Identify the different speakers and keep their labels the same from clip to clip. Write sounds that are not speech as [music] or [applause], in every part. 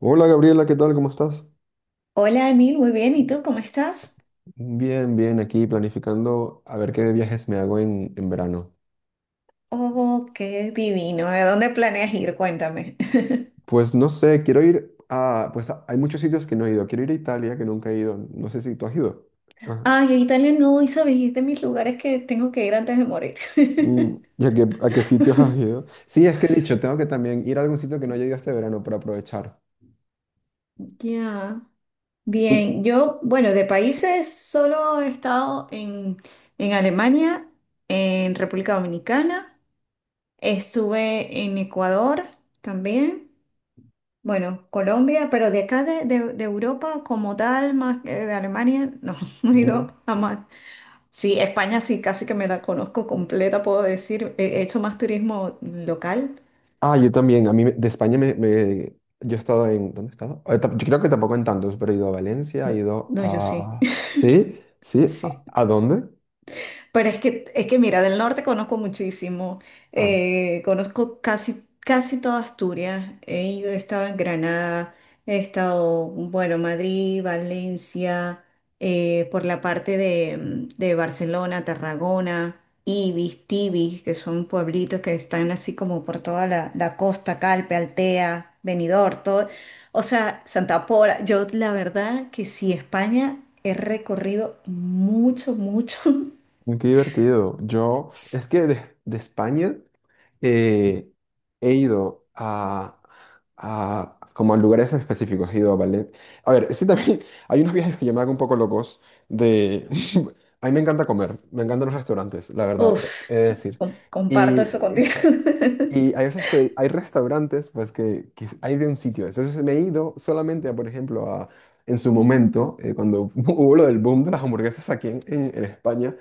Speaker 1: Hola Gabriela, ¿qué tal? ¿Cómo estás?
Speaker 2: Hola Emil, muy bien. ¿Y tú cómo estás?
Speaker 1: Bien, bien, aquí planificando a ver qué viajes me hago en verano.
Speaker 2: Oh, qué divino. ¿A dónde planeas ir? Cuéntame.
Speaker 1: Pues no sé, quiero ir a... Pues hay muchos sitios que no he ido. Quiero ir a Italia, que nunca he ido. No sé si tú has ido.
Speaker 2: [laughs]
Speaker 1: Ajá.
Speaker 2: Ay, a Italia no, y sabes, es de mis lugares que tengo que ir antes de morir. [laughs]
Speaker 1: ¿Y a qué sitios has ido? Sí, es que he dicho, tengo que también ir a algún sitio que no haya ido este verano para aprovechar.
Speaker 2: Ya.
Speaker 1: Uy.
Speaker 2: Bien, yo, bueno, de países solo he estado en Alemania, en República Dominicana, estuve en Ecuador también, bueno, Colombia, pero de acá de Europa como tal, más que de Alemania, no, [laughs] no he ido
Speaker 1: No.
Speaker 2: jamás. Sí, España sí, casi que me la conozco completa, puedo decir. He hecho más turismo local.
Speaker 1: Ah, yo también. A mí me- de España me, me- Yo he estado en... ¿Dónde he estado? Yo creo que tampoco en tantos, pero he ido a Valencia,
Speaker 2: No,
Speaker 1: he ido
Speaker 2: no, yo sí,
Speaker 1: a... ¿Sí? ¿Sí? ¿A,
Speaker 2: [laughs] sí.
Speaker 1: a dónde?
Speaker 2: Pero es que mira, del norte conozco muchísimo,
Speaker 1: Ah.
Speaker 2: conozco casi, casi toda Asturias, he ido, he estado en Granada, he estado, bueno, Madrid, Valencia, por la parte de, de Barcelona, Tarragona, Ibis, Tibis, que son pueblitos que están así como por toda la costa, Calpe, Altea, Benidorm, todo, o sea, Santa Pola, yo la verdad que sí, España he recorrido mucho, mucho. [laughs]
Speaker 1: Uy, qué divertido. Yo, es que de España eh, he ido como a lugares específicos, he ido a ballet. A ver, es que también [laughs] hay unos viajes que yo me hago un poco locos de... [laughs] A mí me encanta comer, me encantan los restaurantes, la verdad,
Speaker 2: Uf,
Speaker 1: he de decir.
Speaker 2: comparto
Speaker 1: Y
Speaker 2: eso contigo. [laughs]
Speaker 1: y hay veces que hay restaurantes, pues que hay de un sitio. Entonces me he ido solamente, a, por ejemplo, a, en su momento, cuando [laughs] hubo lo del boom de las hamburguesas aquí en España,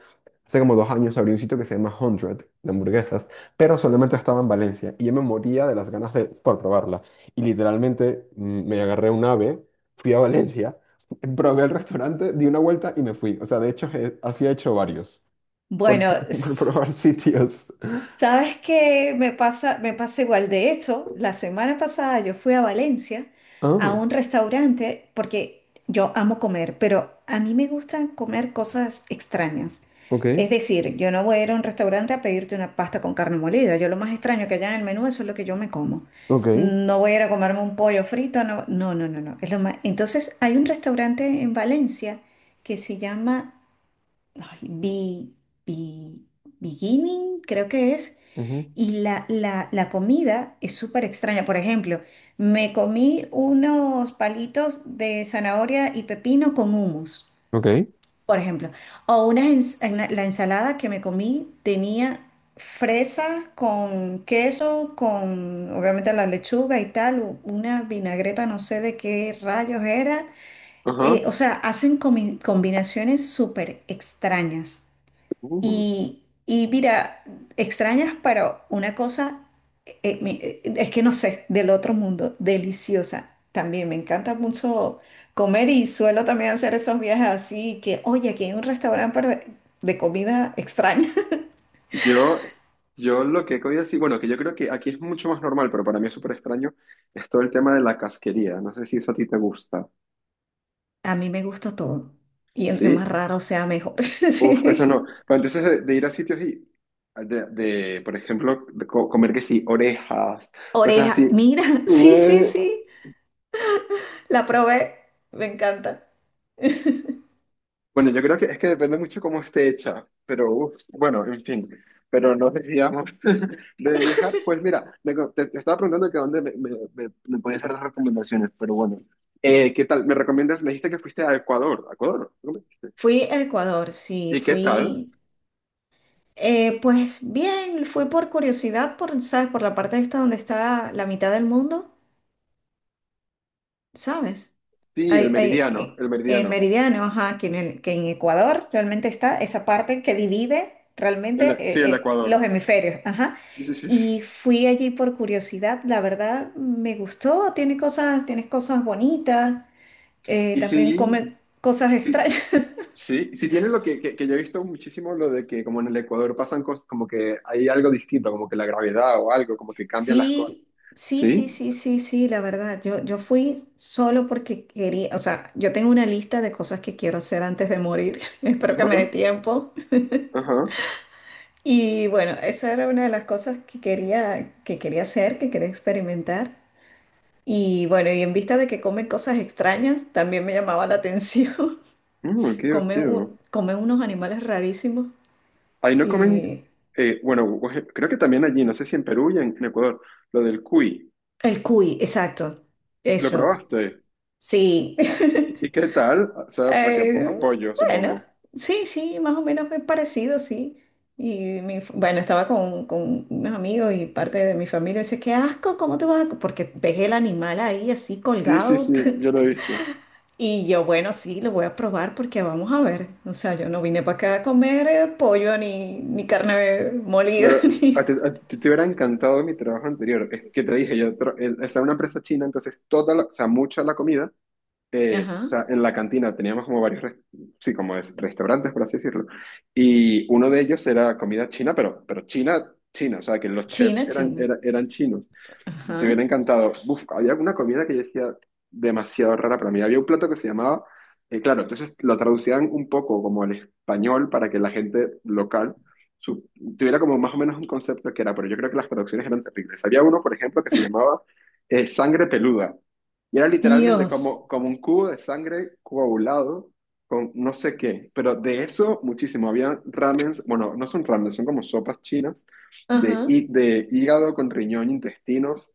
Speaker 1: hace como 2 años abrí un sitio que se llama Hundred de hamburguesas, pero solamente estaba en Valencia y yo me moría de las ganas de, por probarla. Y literalmente me agarré un ave, fui a Valencia, [laughs] probé el restaurante, di una vuelta y me fui. O sea, de hecho, así he hecho varios, por,
Speaker 2: Bueno,
Speaker 1: [laughs] por probar sitios.
Speaker 2: sabes que me pasa igual. De hecho, la semana pasada yo fui a Valencia a
Speaker 1: Ah,
Speaker 2: un restaurante porque yo amo comer, pero a mí me gustan comer cosas extrañas.
Speaker 1: ok,
Speaker 2: Es decir, yo no voy a ir a un restaurante a pedirte una pasta con carne molida. Yo lo más extraño que haya en el menú, eso es lo que yo me como.
Speaker 1: ok.
Speaker 2: No voy a ir a comerme un pollo frito, no, no, no, no, no. Es lo más... Entonces, hay un restaurante en Valencia que se llama ay, Bi- Beginning, creo que es.
Speaker 1: Ujú.
Speaker 2: Y la comida es súper extraña. Por ejemplo, me comí unos palitos de zanahoria y pepino con hummus,
Speaker 1: Ok.
Speaker 2: por ejemplo. O una, la ensalada que me comí tenía fresa con queso, con obviamente la lechuga y tal, una vinagreta, no sé de qué rayos era.
Speaker 1: Ajá.
Speaker 2: O sea, hacen combinaciones súper extrañas.
Speaker 1: Uh.
Speaker 2: Y mira, extrañas, pero una cosa, es que no sé, del otro mundo, deliciosa. También me encanta mucho comer y suelo también hacer esos viajes así que, oye, aquí hay un restaurante pero de comida extraña.
Speaker 1: Yo, yo lo que he comido así, bueno, que yo creo que aquí es mucho más normal, pero para mí es súper extraño, es todo el tema de la casquería. No sé si eso a ti te gusta.
Speaker 2: [laughs] A mí me gusta todo. Y entre
Speaker 1: Sí.
Speaker 2: más raro sea, mejor. [laughs]
Speaker 1: Uf, eso no.
Speaker 2: Sí.
Speaker 1: Bueno, entonces de ir a sitios y por ejemplo, de comer que sí, orejas, cosas
Speaker 2: Oreja,
Speaker 1: así.
Speaker 2: mira, [laughs] sí, sí, sí, la probé, me encanta. [laughs]
Speaker 1: Bueno, yo creo que es que depende mucho cómo esté hecha, pero uf, bueno, en fin, pero no desviamos [laughs] de viajar. Pues mira, te, te estaba preguntando que dónde me podías dar las recomendaciones, pero bueno, ¿qué tal? ¿Me recomiendas? Me dijiste que fuiste a Ecuador, ¿a Ecuador?
Speaker 2: Fui a Ecuador, sí,
Speaker 1: ¿Y qué tal?
Speaker 2: fui. Pues bien, fui por curiosidad, por, ¿sabes? Por la parte esta donde está la mitad del mundo, ¿sabes?
Speaker 1: Sí, el
Speaker 2: Hay hay
Speaker 1: meridiano, el
Speaker 2: en
Speaker 1: meridiano.
Speaker 2: Meridiano, ajá, que en Ecuador realmente está esa parte que divide realmente
Speaker 1: Sí, el
Speaker 2: los
Speaker 1: Ecuador.
Speaker 2: hemisferios, ajá.
Speaker 1: Sí, sí, sí.
Speaker 2: Y fui allí por curiosidad, la verdad me gustó, tiene cosas bonitas,
Speaker 1: Y
Speaker 2: también
Speaker 1: sí,
Speaker 2: come cosas
Speaker 1: sí,
Speaker 2: extrañas. [laughs]
Speaker 1: sí, sí tiene lo que yo he visto muchísimo, lo de que como en el Ecuador pasan cosas, como que hay algo distinto, como que la gravedad o algo, como que cambian las cosas.
Speaker 2: Sí, sí, sí,
Speaker 1: Sí,
Speaker 2: sí, sí, sí, la verdad. Yo fui solo porque quería, o sea, yo tengo una lista de cosas que quiero hacer antes de morir. [laughs] Espero que
Speaker 1: ajá,
Speaker 2: me dé tiempo.
Speaker 1: ajá.
Speaker 2: Y bueno, esa era una de las cosas que quería hacer, que quería experimentar. Y bueno, y en vista de que comen cosas extrañas, también me llamaba la atención.
Speaker 1: Mm, qué
Speaker 2: [laughs] Comen,
Speaker 1: divertido.
Speaker 2: comen unos animales rarísimos.
Speaker 1: Ahí no comen,
Speaker 2: Y
Speaker 1: bueno, creo que también allí, no sé si en Perú en Ecuador, lo del cuy.
Speaker 2: el cuy, exacto.
Speaker 1: ¿Lo
Speaker 2: Eso.
Speaker 1: probaste?
Speaker 2: Sí. [laughs]
Speaker 1: ¿Y qué tal? O sea, a que
Speaker 2: Eh,
Speaker 1: apoyo,
Speaker 2: bueno,
Speaker 1: supongo.
Speaker 2: sí, sí, más o menos es parecido, sí. Y bueno, estaba con unos amigos y parte de mi familia. Dice, qué asco, ¿cómo te vas a...? Porque ves el animal ahí así
Speaker 1: Sí, sí,
Speaker 2: colgado.
Speaker 1: sí, yo
Speaker 2: [laughs]
Speaker 1: lo he visto.
Speaker 2: Y yo, bueno, sí, lo voy a probar porque vamos a ver. O sea, yo no vine para acá a comer pollo ni, ni carne molida, [laughs]
Speaker 1: Pero
Speaker 2: ni...
Speaker 1: a ti te hubiera encantado mi trabajo anterior. Es que te dije, yo estaba en una empresa china, entonces toda la, o sea, mucha la comida o
Speaker 2: Ajá.
Speaker 1: sea, en la cantina teníamos como varios, sí, como es, restaurantes, por así decirlo, y uno de ellos era comida china, pero china, china, o sea, que los chefs
Speaker 2: China, China.
Speaker 1: eran chinos. Te hubiera
Speaker 2: Ajá.
Speaker 1: encantado. Uf, había una comida que yo decía demasiado rara para mí. Había un plato que se llamaba, claro, entonces lo traducían un poco como al español para que la gente local su- tuviera como más o menos un concepto que era, pero yo creo que las traducciones eran terribles. Había uno, por ejemplo, que se llamaba sangre peluda. Y era literalmente
Speaker 2: Dios.
Speaker 1: como, como un cubo de sangre coagulado con no sé qué. Pero de eso muchísimo. Había ramens, bueno, no son ramens, son como sopas chinas de,
Speaker 2: Ajá.
Speaker 1: de hígado con riñón, intestinos.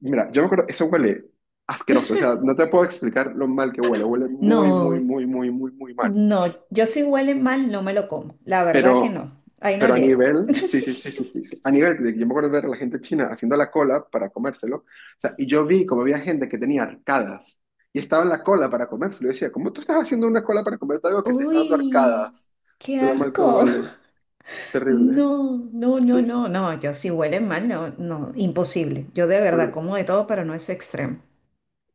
Speaker 1: Mira, yo me acuerdo, eso huele asqueroso, o sea, no te puedo explicar lo mal que huele, huele muy, muy,
Speaker 2: No,
Speaker 1: muy, muy, muy, muy mal.
Speaker 2: no, yo si huele mal no me lo como, la verdad que
Speaker 1: Pero,
Speaker 2: no, ahí no
Speaker 1: pero a
Speaker 2: llego.
Speaker 1: nivel, sí, sí,
Speaker 2: [laughs]
Speaker 1: sí, sí, sí, sí, a nivel de que yo me acuerdo de ver a la gente china haciendo la cola para comérselo, o sea, y yo vi como había gente que tenía arcadas y estaba en la cola para comérselo, y decía, ¿cómo tú estás haciendo una cola para comerte algo que te está dando
Speaker 2: Uy,
Speaker 1: arcadas?
Speaker 2: qué
Speaker 1: De lo mal que
Speaker 2: asco. [laughs]
Speaker 1: huele, terrible,
Speaker 2: No, no, no,
Speaker 1: sí, sí,
Speaker 2: no, no, yo si huele mal, no, no, imposible. Yo de verdad
Speaker 1: pero
Speaker 2: como de todo, pero no es extremo.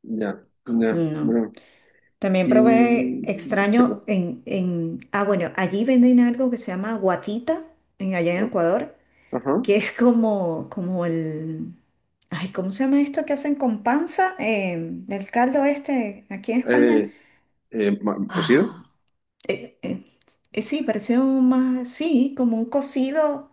Speaker 1: ya, ya,
Speaker 2: No.
Speaker 1: bueno.
Speaker 2: También probé
Speaker 1: ¿Y qué
Speaker 2: extraño
Speaker 1: pasa?
Speaker 2: en, ah, bueno, allí venden algo que se llama guatita, en allá en
Speaker 1: Oh.
Speaker 2: Ecuador,
Speaker 1: Ajá.
Speaker 2: que es como, como el, ay, ¿cómo se llama esto que hacen con panza? El caldo este, aquí en España.
Speaker 1: Eh. ¿Cocido?
Speaker 2: Ah, eh, eh, sí, parecía un más, sí, como un cocido,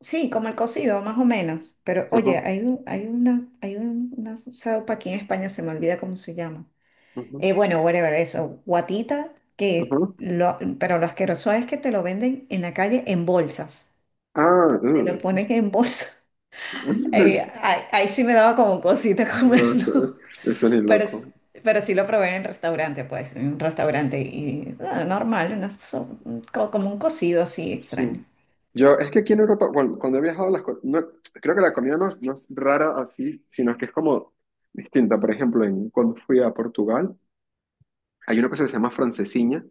Speaker 2: sí, como el cocido, más o menos. Pero oye,
Speaker 1: Ajá,
Speaker 2: hay una sopa aquí en España, se me olvida cómo se llama.
Speaker 1: ajá,
Speaker 2: Bueno, whatever, eso, guatita,
Speaker 1: ajá.
Speaker 2: que lo, pero lo asqueroso es que te lo venden en la calle en bolsas.
Speaker 1: Ah,
Speaker 2: Te lo ponen
Speaker 1: ugh.
Speaker 2: en bolsa. [laughs]
Speaker 1: [laughs]
Speaker 2: Ahí sí me daba como cosita [laughs]
Speaker 1: No, eso,
Speaker 2: comerlo.
Speaker 1: eso ni
Speaker 2: Pero, s-
Speaker 1: loco.
Speaker 2: pero sí lo probé en restaurante, pues, en un restaurante y ah, normal, co- como un cocido así
Speaker 1: Sí.
Speaker 2: extraño.
Speaker 1: Yo, es que aquí en Europa, cuando he viajado, no, creo que la comida no es rara así, sino que es como distinta. Por ejemplo, en, cuando fui a Portugal, hay una cosa que se llama francesiña,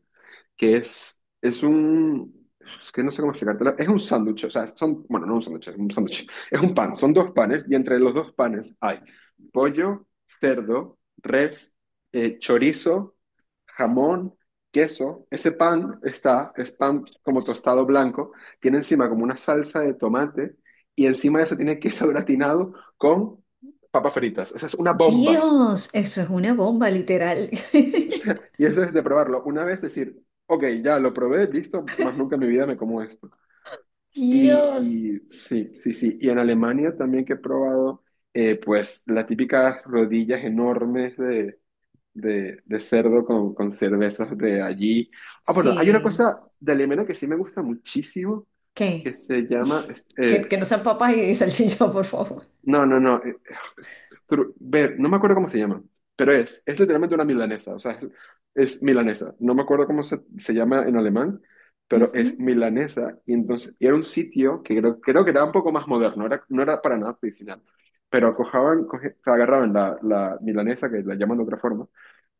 Speaker 1: que es un, es que no sé cómo explicártelo, es un sándwich, o sea, son, bueno, no un sándwich, es un sándwich, [laughs] es un pan, son dos panes y entre los dos panes hay pollo, cerdo, res, chorizo, jamón, queso. Ese pan está, es pan como tostado blanco, tiene encima como una salsa de tomate y encima de eso tiene queso gratinado con papas fritas. Esa es una bomba.
Speaker 2: Dios, eso es una bomba, literal.
Speaker 1: [laughs]
Speaker 2: [laughs]
Speaker 1: Y eso es de probarlo. Una vez decir, ok, ya lo probé, listo, más nunca en mi vida me como esto.
Speaker 2: Dios.
Speaker 1: Y sí, sí, sí. Y en Alemania también que he probado, pues las típicas rodillas enormes de cerdo con cervezas de allí. Ah, bueno, hay una
Speaker 2: Sí.
Speaker 1: cosa de Alemania que sí me gusta muchísimo, que
Speaker 2: ¿Qué?
Speaker 1: se llama...
Speaker 2: Que no sean papas y salchicha, por favor.
Speaker 1: No, no, no. Es ver, no me acuerdo cómo se llama, pero es literalmente una milanesa, o sea, es milanesa. No me acuerdo cómo se llama en alemán, pero es
Speaker 2: Ujú.
Speaker 1: milanesa. Y entonces y era un sitio que creo, creo que era un poco más moderno, era, no era para nada tradicional, pero o sea, agarraban la milanesa, que la llaman de otra forma,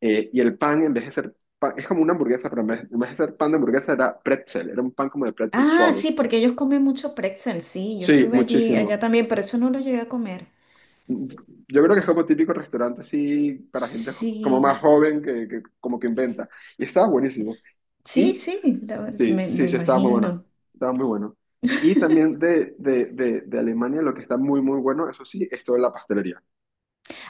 Speaker 1: y el pan, en vez de ser pan, es como una hamburguesa, pero en vez de ser pan de hamburguesa era pretzel, era un pan como de pretzel
Speaker 2: Ah,
Speaker 1: suave.
Speaker 2: sí, porque ellos comen mucho pretzel, sí. Yo
Speaker 1: Sí,
Speaker 2: estuve allí, allá
Speaker 1: muchísimo.
Speaker 2: también, pero eso no lo llegué a comer.
Speaker 1: Yo creo que es como típico restaurante así para gente como más
Speaker 2: Sí,
Speaker 1: joven que como que inventa. Y estaba buenísimo. Y
Speaker 2: sí, sí,
Speaker 1: sí,
Speaker 2: me, me
Speaker 1: sí, sí, estaba muy bueno.
Speaker 2: imagino.
Speaker 1: Estaba muy bueno. Y también de Alemania lo que está muy, muy bueno, eso sí, es toda la pastelería.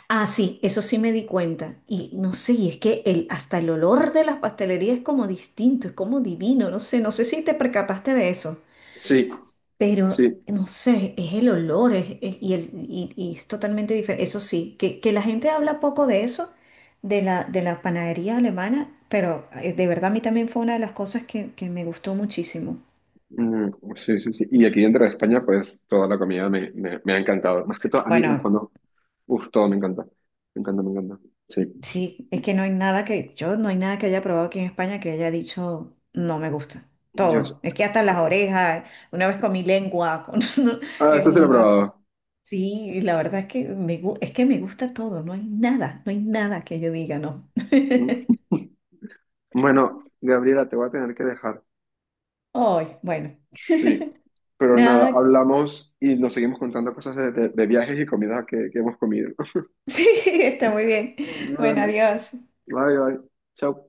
Speaker 2: Ah, sí, eso sí me di cuenta. Y no sé, y es que el, hasta el olor de las pastelerías es como distinto, es como divino, no sé, no sé si te percataste de eso,
Speaker 1: Sí,
Speaker 2: pero
Speaker 1: sí.
Speaker 2: no sé, es el olor es- y, el, y es totalmente diferente. Eso sí, que la gente habla poco de eso, de de la panadería alemana, pero de verdad a mí también fue una de las cosas que me gustó muchísimo.
Speaker 1: Mm, sí, sí, sí. Y aquí dentro de España, pues toda la comida me ha encantado. Más que todo, a mí en
Speaker 2: Bueno,
Speaker 1: cuando... Uf, todo me encanta. Me encanta, me encanta. Sí.
Speaker 2: sí, es que no hay nada que, yo no hay nada que haya probado aquí en España que haya dicho no me gusta.
Speaker 1: Dios.
Speaker 2: Todo. Es que hasta las orejas, una vez comí lengua [laughs]
Speaker 1: Ah,
Speaker 2: en
Speaker 1: eso se lo he
Speaker 2: una.
Speaker 1: probado.
Speaker 2: Sí, y la verdad es que es que me gusta todo, no hay nada, no hay nada que yo diga no.
Speaker 1: [laughs]
Speaker 2: [laughs]
Speaker 1: Mm. Bueno, Gabriela, te voy a tener que dejar.
Speaker 2: Ay, bueno.
Speaker 1: Sí.
Speaker 2: [laughs]
Speaker 1: Pero nada,
Speaker 2: Nada,
Speaker 1: hablamos y nos seguimos contando cosas de viajes y comidas que hemos comido.
Speaker 2: [laughs] sí, está muy bien.
Speaker 1: [laughs]
Speaker 2: Bueno,
Speaker 1: Vale,
Speaker 2: adiós.
Speaker 1: bye, bye. Chao.